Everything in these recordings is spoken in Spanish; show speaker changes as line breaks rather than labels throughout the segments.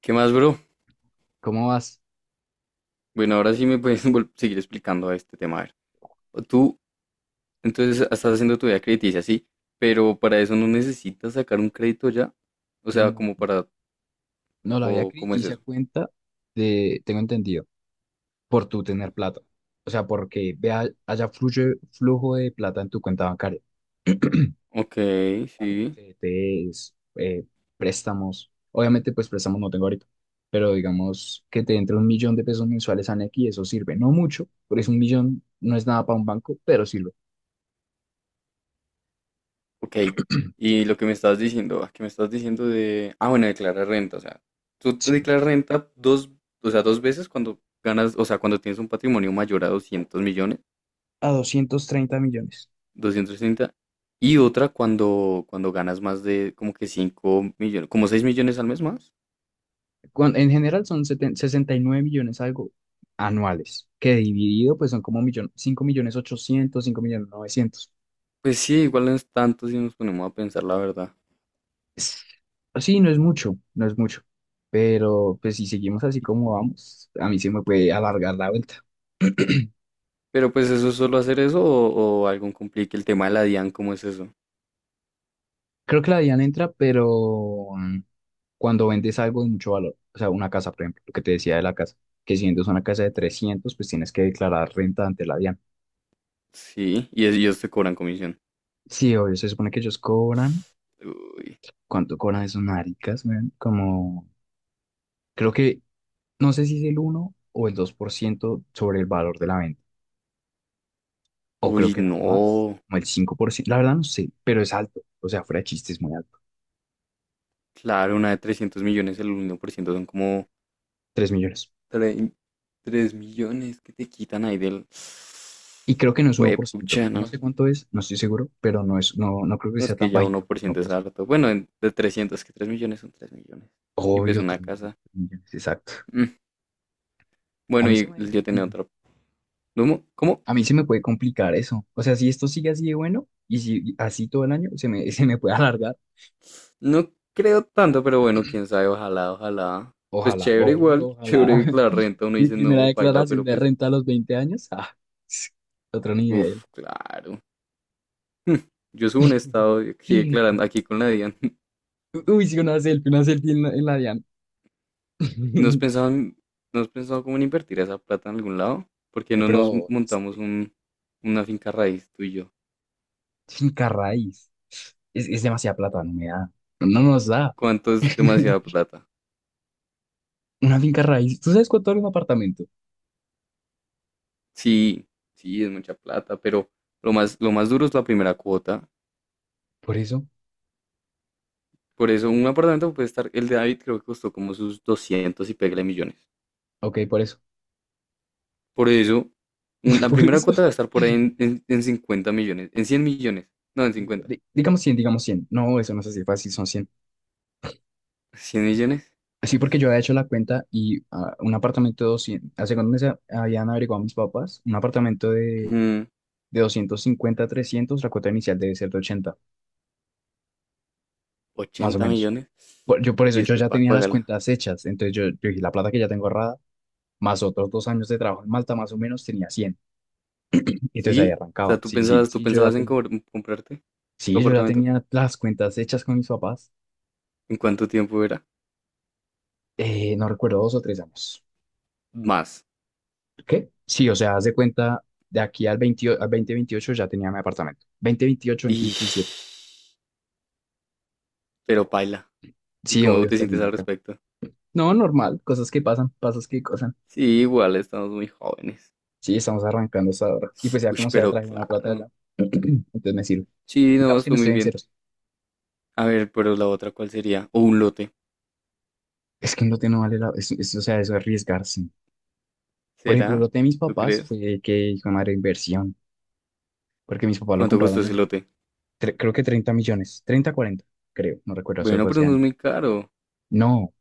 ¿Qué más, bro?
¿Cómo vas?
Bueno, ahora sí me puedes seguir explicando a este tema. A ver, o tú entonces estás haciendo tu vida crediticia, sí, pero para eso no necesitas sacar un crédito ya. O sea,
No,
como para,
no la había
o
que
¿cómo es
se
eso?
cuenta de, tengo entendido, por tu tener plata. O sea, porque vea, haya flujo de plata en tu cuenta bancaria.
Ok, sí,
CDTs, préstamos. Obviamente, pues préstamos no tengo ahorita. Pero digamos que te entre un millón de pesos mensuales a Nequi, eso sirve. No mucho, pero es un millón, no es nada para un banco, pero sirve.
ok. Y lo que me estás diciendo, que me estás diciendo de, bueno, declarar renta, o sea, tú te
Sí.
declaras renta dos, o sea, dos veces cuando ganas, o sea, cuando tienes un patrimonio mayor a 200 millones,
A 230 millones.
230. Y otra cuando ganas más de como que 5 millones, como 6 millones al mes más.
En general son 69 millones algo anuales, que dividido pues son como millón, 5 millones 800 5 millones novecientos.
Pues sí, igual no es tanto si nos ponemos a pensar, la verdad.
Es- Sí, no es mucho, no es mucho, pero pues si seguimos así como vamos, a mí se me puede alargar la vuelta.
Pero pues eso es solo hacer eso, o algo complique. El tema de la DIAN, ¿cómo es eso?
Creo que la DIAN entra, pero cuando vendes algo de mucho valor, o sea, una casa, por ejemplo, lo que te decía de la casa, que si vendes una casa de 300 pues tienes que declarar renta ante la DIAN.
Sí, y ellos te cobran comisión.
Sí, obvio, se supone que ellos cobran.
Uy,
¿Cuánto cobran esos maricas, man? Como, creo que, no sé si es el uno o el 2% sobre el valor de la venta. O creo
uy,
que era más,
no.
como el 5%. La verdad no sé, pero es alto. O sea, fuera de chiste, es muy alto.
Claro, una de 300 millones, el 1% son como
3 millones.
3 millones que te quitan ahí del.
Y creo que no es uno
Pues,
por ciento. No
¿no?
sé cuánto es, no estoy seguro, pero no es, no, no creo que
No es
sea tan
que ya uno
bajito
por
como
ciento es
1%.
harto. Bueno, de 300, que 3 millones son 3 millones. Y pues
Obvio,
una
3 millones,
casa.
3 millones, exacto.
Mm,
A
bueno,
mí se
y
me,
yo tenía
mm,
otra. ¿Cómo? ¿Cómo?
a mí se me puede complicar eso. O sea, si esto sigue así de bueno y si así todo el año, se me, se me puede alargar.
No creo tanto, pero bueno, quién sabe, ojalá, ojalá. Pues
Ojalá,
chévere
obvio,
igual,
ojalá.
chévere que la renta. Uno
Mi
dice,
primera
no, paila,
declaración
pero
de
pues,
renta a los 20 años. Otro nivel.
uff, claro. Mm. Yo subo un estado y aquí declarando, aquí con la DIAN.
Uy, sí, una selfie en la DIAN.
¿No has pensado, no has pensado cómo en invertir esa plata en algún lado? ¿Por qué no nos
Pero,
montamos una finca raíz tú y yo?
finca raíz. Es demasiada plata, no me da. No nos da.
¿Cuánto es demasiada plata?
Una finca raíz. ¿Tú sabes cuánto vale un apartamento?
Sí, sí, es mucha plata, pero lo más duro es la primera cuota.
Por eso.
Por eso un apartamento puede estar, el de David creo que costó como sus 200 y pégale millones.
Ok, por eso.
Por eso la
Por
primera
eso.
cuota va a estar por ahí en 50 millones, en 100 millones, no, en 50,
Digamos 100, digamos 100. No, eso no es así fácil, son 100.
100 millones,
Sí, porque yo había hecho la cuenta y un apartamento de 200 hace cuando me meses habían averiguado mis papás, un apartamento de,
mm,
250 a 300, la cuota inicial debe ser de 80 más o
80
menos.
millones
Yo por eso,
y
yo
después
ya
para
tenía las
pagarla.
cuentas hechas, entonces yo, dije, la plata que ya tengo ahorrada, más otros 2 años de trabajo en Malta, más o menos tenía 100, y entonces ahí
Sí, o
arrancaba.
sea, tú
Sí, sí,
pensabas, tú
sí, yo ya
pensabas en
tenía,
comprarte tu
sí, yo ya
apartamento.
tenía las cuentas hechas con mis papás.
¿En cuánto tiempo era?
No recuerdo, 2 o 3 años.
Más.
¿Qué? Sí, o sea, haz de cuenta, de aquí al 2028 ya tenía mi apartamento. 2028,
Y...
veintisiete.
Pero paila. ¿Y
Sí,
cómo
obvio,
te sientes
terminé
al
acá.
respecto?
No, normal, cosas que pasan, pasos que pasan.
Sí, igual estamos muy jóvenes.
Sí, estamos arrancando hasta ahora. Y pues ya
Uy,
como sea,
pero
traje una plata allá.
claro.
Entonces me sirve.
Sí, no,
Digamos que no
estuvo muy
estoy en
bien.
ceros.
A ver, pero la otra, ¿cuál sería? O un lote.
Es que no te no vale la. O sea, eso es arriesgarse. Por ejemplo, lo
¿Será?
de mis
¿Tú
papás
crees?
fue que hijo de madre inversión. Porque mis papás lo
¿Cuánto costó
compraron
ese
en,
lote?
creo que 30 millones. Treinta, 40 creo. No recuerdo, eso
Bueno,
fue
pero
hace
no es muy
años.
caro.
No,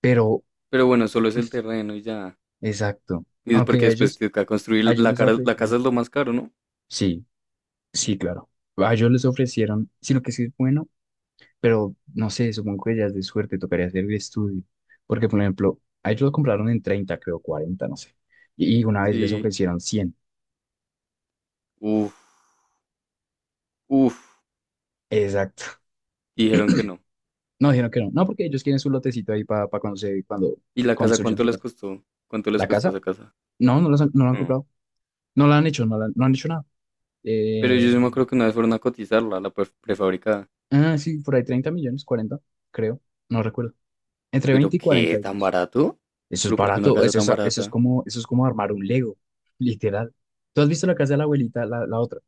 pero,
Pero bueno, solo es el terreno y ya.
exacto.
Y es porque
Aunque
después
ellos...
te toca
A
construir
ellos les
la casa es
ofrecieron.
lo más caro, ¿no?
Sí, sí, claro. A ellos les ofrecieron, sino que sí es bueno, pero no sé, supongo que ya es de suerte, tocaría hacer el estudio. Porque, por ejemplo, a ellos lo compraron en 30 creo, 40 no sé. Y una vez les
Sí.
ofrecieron cien.
Uf, uf.
Exacto.
Y dijeron que no.
No, dijeron que no. No, porque ellos quieren su lotecito ahí para cuando
¿Y la casa
construyan
cuánto
su
les
casa.
costó? ¿Cuánto les
¿La
costó
casa?
esa casa?
No, no, no la han
Hmm.
comprado. No la han hecho, no, no han hecho nada.
Pero
Eh,
yo sí me acuerdo que una vez fueron a cotizarla, la prefabricada.
sí, por ahí 30 millones, 40 creo. No recuerdo. Entre
¿Pero
20 y 40
qué? ¿Tan
digamos.
barato?
Eso es
¿Pero por qué una
barato,
casa
eso
tan
es, eso es
barata?
como, eso es como armar un Lego, literal. ¿Tú has visto la casa de la abuelita, la otra,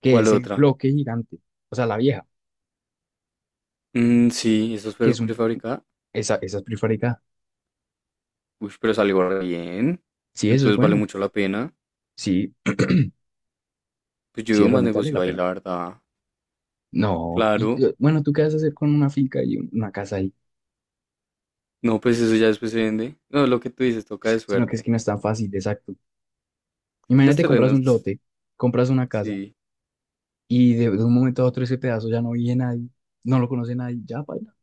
que
¿Cuál
es el
otra?
bloque gigante, o sea, la vieja,
Mm, sí, esa es
que es un,
prefabricada.
esa es prefabricada?
Uy, pero salió bien.
Sí, eso es
Entonces vale
bueno,
mucho la pena.
sí,
Pues yo
sí,
veo más
realmente vale
negocio
la
ahí,
pena.
la verdad.
No, y
Claro.
bueno, ¿tú qué vas a hacer con una finca y una casa ahí?
No, pues eso ya después se vende. No, lo que tú dices, toca de
Sino que es que
suerte.
no es tan fácil, exacto.
Los
Imagínate, compras
terrenos,
un lote, compras una casa
sí.
y de, un momento a otro ese pedazo ya no vive nadie, no lo conoce nadie, ya, paila.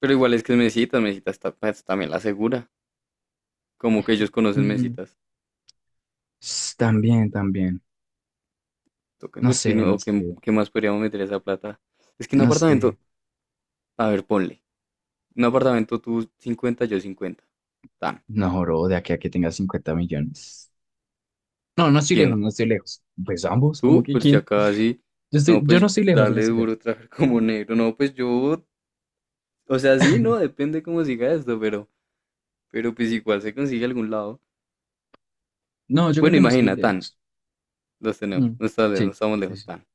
Pero igual es que es Mesitas, Mesitas pues, también la asegura. Como que ellos conocen
Mm,
Mesitas.
también, también,
Toca
no
invertir,
sé,
¿no?
no
¿O qué,
sé.
qué más podríamos meter esa plata? Es que un
No sé,
apartamento, a ver, ponle. Un apartamento tú 50, yo 50. Tan.
no, bro, de aquí a que tenga 50 millones. No, no estoy lejos,
¿Quién?
no estoy lejos. Pues ambos, como
Tú,
que
pues ya
¿quién?
casi,
Yo estoy,
no,
yo no
pues
estoy lejos, yo no
darle
estoy lejos.
duro, trabajar como negro, no, pues yo, o sea, sí, no, depende cómo siga esto, pero, pues igual se consigue algún lado.
No, yo creo
Bueno,
que no estoy
imagina, tan,
lejos.
los tenemos,
Mm,
no, está lejos, no
sí,
estamos
sí,
lejos,
sí.
tan.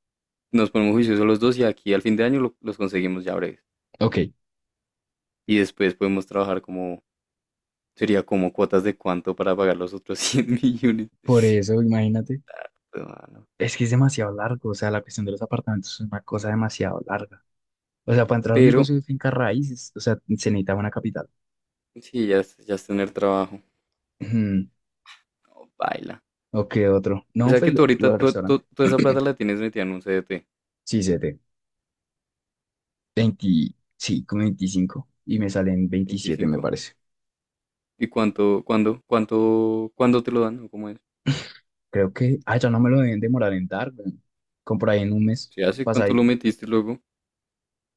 Nos ponemos juiciosos los dos y aquí al fin de año los conseguimos ya breves.
Ok,
Y después podemos trabajar como, sería como cuotas de cuánto para pagar los otros 100 millones.
por eso, imagínate.
Ah, no.
Es que es demasiado largo, o sea, la cuestión de los apartamentos es una cosa demasiado larga. O sea, para entrar a un
Pero,
negocio de finca raíces, o sea, se necesita una capital.
sí, ya es tener trabajo.
Ujú,
No, baila.
ok, otro.
O
No,
sea
pues
que tú
lo
ahorita,
del restaurante.
toda esa plata la tienes metida en un CDT,
Sí, 7. 20, sí, como 25. Y me salen 27 me
25.
parece.
¿Y cuánto, cuándo te lo dan o cómo es?
Creo que, ya no me lo deben demorar en dar, weón. Como por ahí en un mes
¿Se hace? ¿Cuánto lo
pasadito.
metiste luego?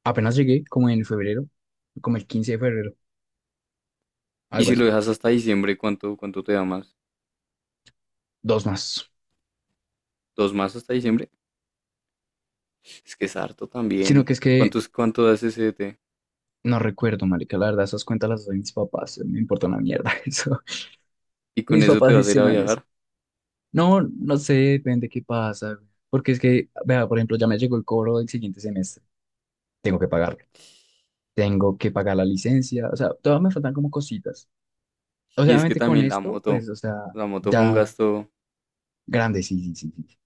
Apenas llegué, como en febrero, como el 15 de febrero,
Y
algo
si lo
así.
dejas hasta diciembre, ¿cuánto te da más?
Dos más.
¿Dos más hasta diciembre? Es que es harto
Sino
también.
que es que
¿Cuánto das ese CDT?
no recuerdo, marica, la verdad, esas cuentas las hacen mis papás, me importa una mierda eso.
Y con
Mis
eso
papás
te vas a ir a
gestionan eso.
viajar.
No, no sé, depende qué pasa, güey. Porque es que, vea, por ejemplo, ya me llegó el cobro del siguiente semestre. Tengo que pagarlo. Tengo que pagar la licencia. O sea, todavía me faltan como cositas. O sea,
Y es que
obviamente con
también la
esto,
moto.
pues, o sea,
La moto fue un
ya
gasto.
grande, sí, sí, sí, sí.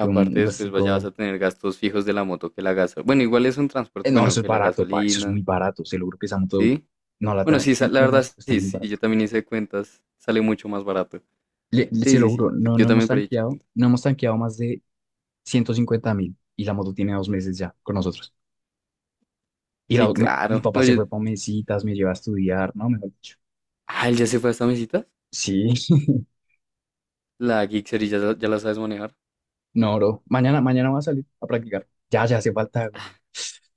Fue un
después vas a
gustico.
tener gastos fijos de la moto que la gasolina. Bueno, igual es un transporte,
No,
bueno,
eso es
que la
barato, pa. Eso es
gasolina,
muy barato. Se lo juro que esa moto
¿sí?
no la
Bueno,
tan-
sí, la
le
verdad,
hemos, está
sí,
muy
sí, yo
barato.
también hice cuentas, sale mucho más barato. Sí,
Se lo
sí,
juro,
sí, yo,
no,
yo
no hemos
también por ahí he hecho
tanqueado,
cuentas.
no hemos tanqueado más de 150 mil y la moto tiene 2 meses ya con nosotros. Y
Sí,
mi
claro.
papá
No,
se
yo...
fue para mesitas, me lleva a estudiar, ¿no? Mejor dicho.
Ah, él ya se fue a esta mesita.
Sí,
La Gixxer y ya, ya la sabes manejar.
no, bro. Mañana voy a salir a practicar. Ya, ya hace falta, güey.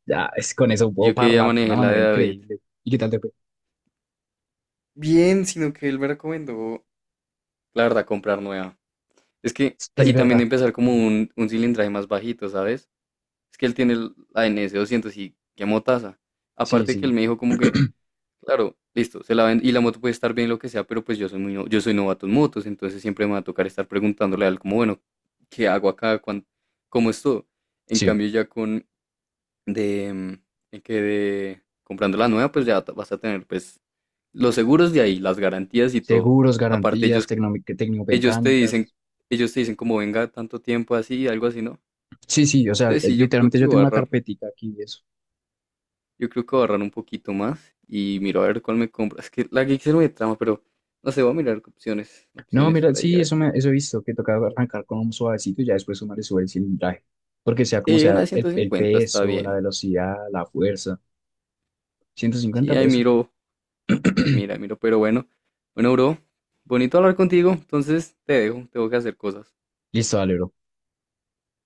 Ya, es con eso puedo
Yo que ya
hablar de una
manejé la
manera
de David.
increíble. ¿Y qué tal te fue?
Bien, sino que él me recomendó, la verdad, comprar nueva. Es que,
Es
y también
verdad.
empezar como
Mm.
un, cilindraje más bajito, ¿sabes? Es que él tiene la NS 200 y qué motaza.
Sí,
Aparte que él
sí,
me dijo como que, claro, listo, se la ven, y la moto puede estar bien lo que sea, pero pues yo soy muy, yo soy novato en motos, entonces siempre me va a tocar estar preguntándole a él como, bueno, ¿qué hago acá? ¿Cómo es todo? En
sí.
cambio ya con, de que de comprando la nueva, pues ya vas a tener pues los seguros de ahí, las garantías y todo.
Seguros,
Aparte
garantías,
ellos te dicen,
técnico-mecánicas.
ellos te dicen como venga tanto tiempo así, algo así, ¿no?
Sí, sí, o sea,
Entonces sí,
literalmente yo tengo una carpetica aquí de eso.
yo creo que voy a ahorrar un poquito más y miro a ver cuál me compro. Es que la Gixxer me trama, pero no sé, voy a mirar opciones,
No,
opciones
mira,
por ahí, a
sí,
ver
eso, me,
qué.
eso he visto, que toca arrancar con un suavecito y ya después uno le sube el cilindraje. Porque sea como
Sí, una
sea,
de
el,
ciento
el
cincuenta está
peso, la
bien.
velocidad, la fuerza. ciento
Sí,
cincuenta por
ahí
eso.
miro, ahí mira, miro, pero bueno. Bueno, bro, bonito hablar contigo, entonces te dejo, tengo que hacer cosas.
Listo, dale, bro.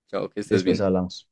Chao, que estés
Después
bien.
hablamos.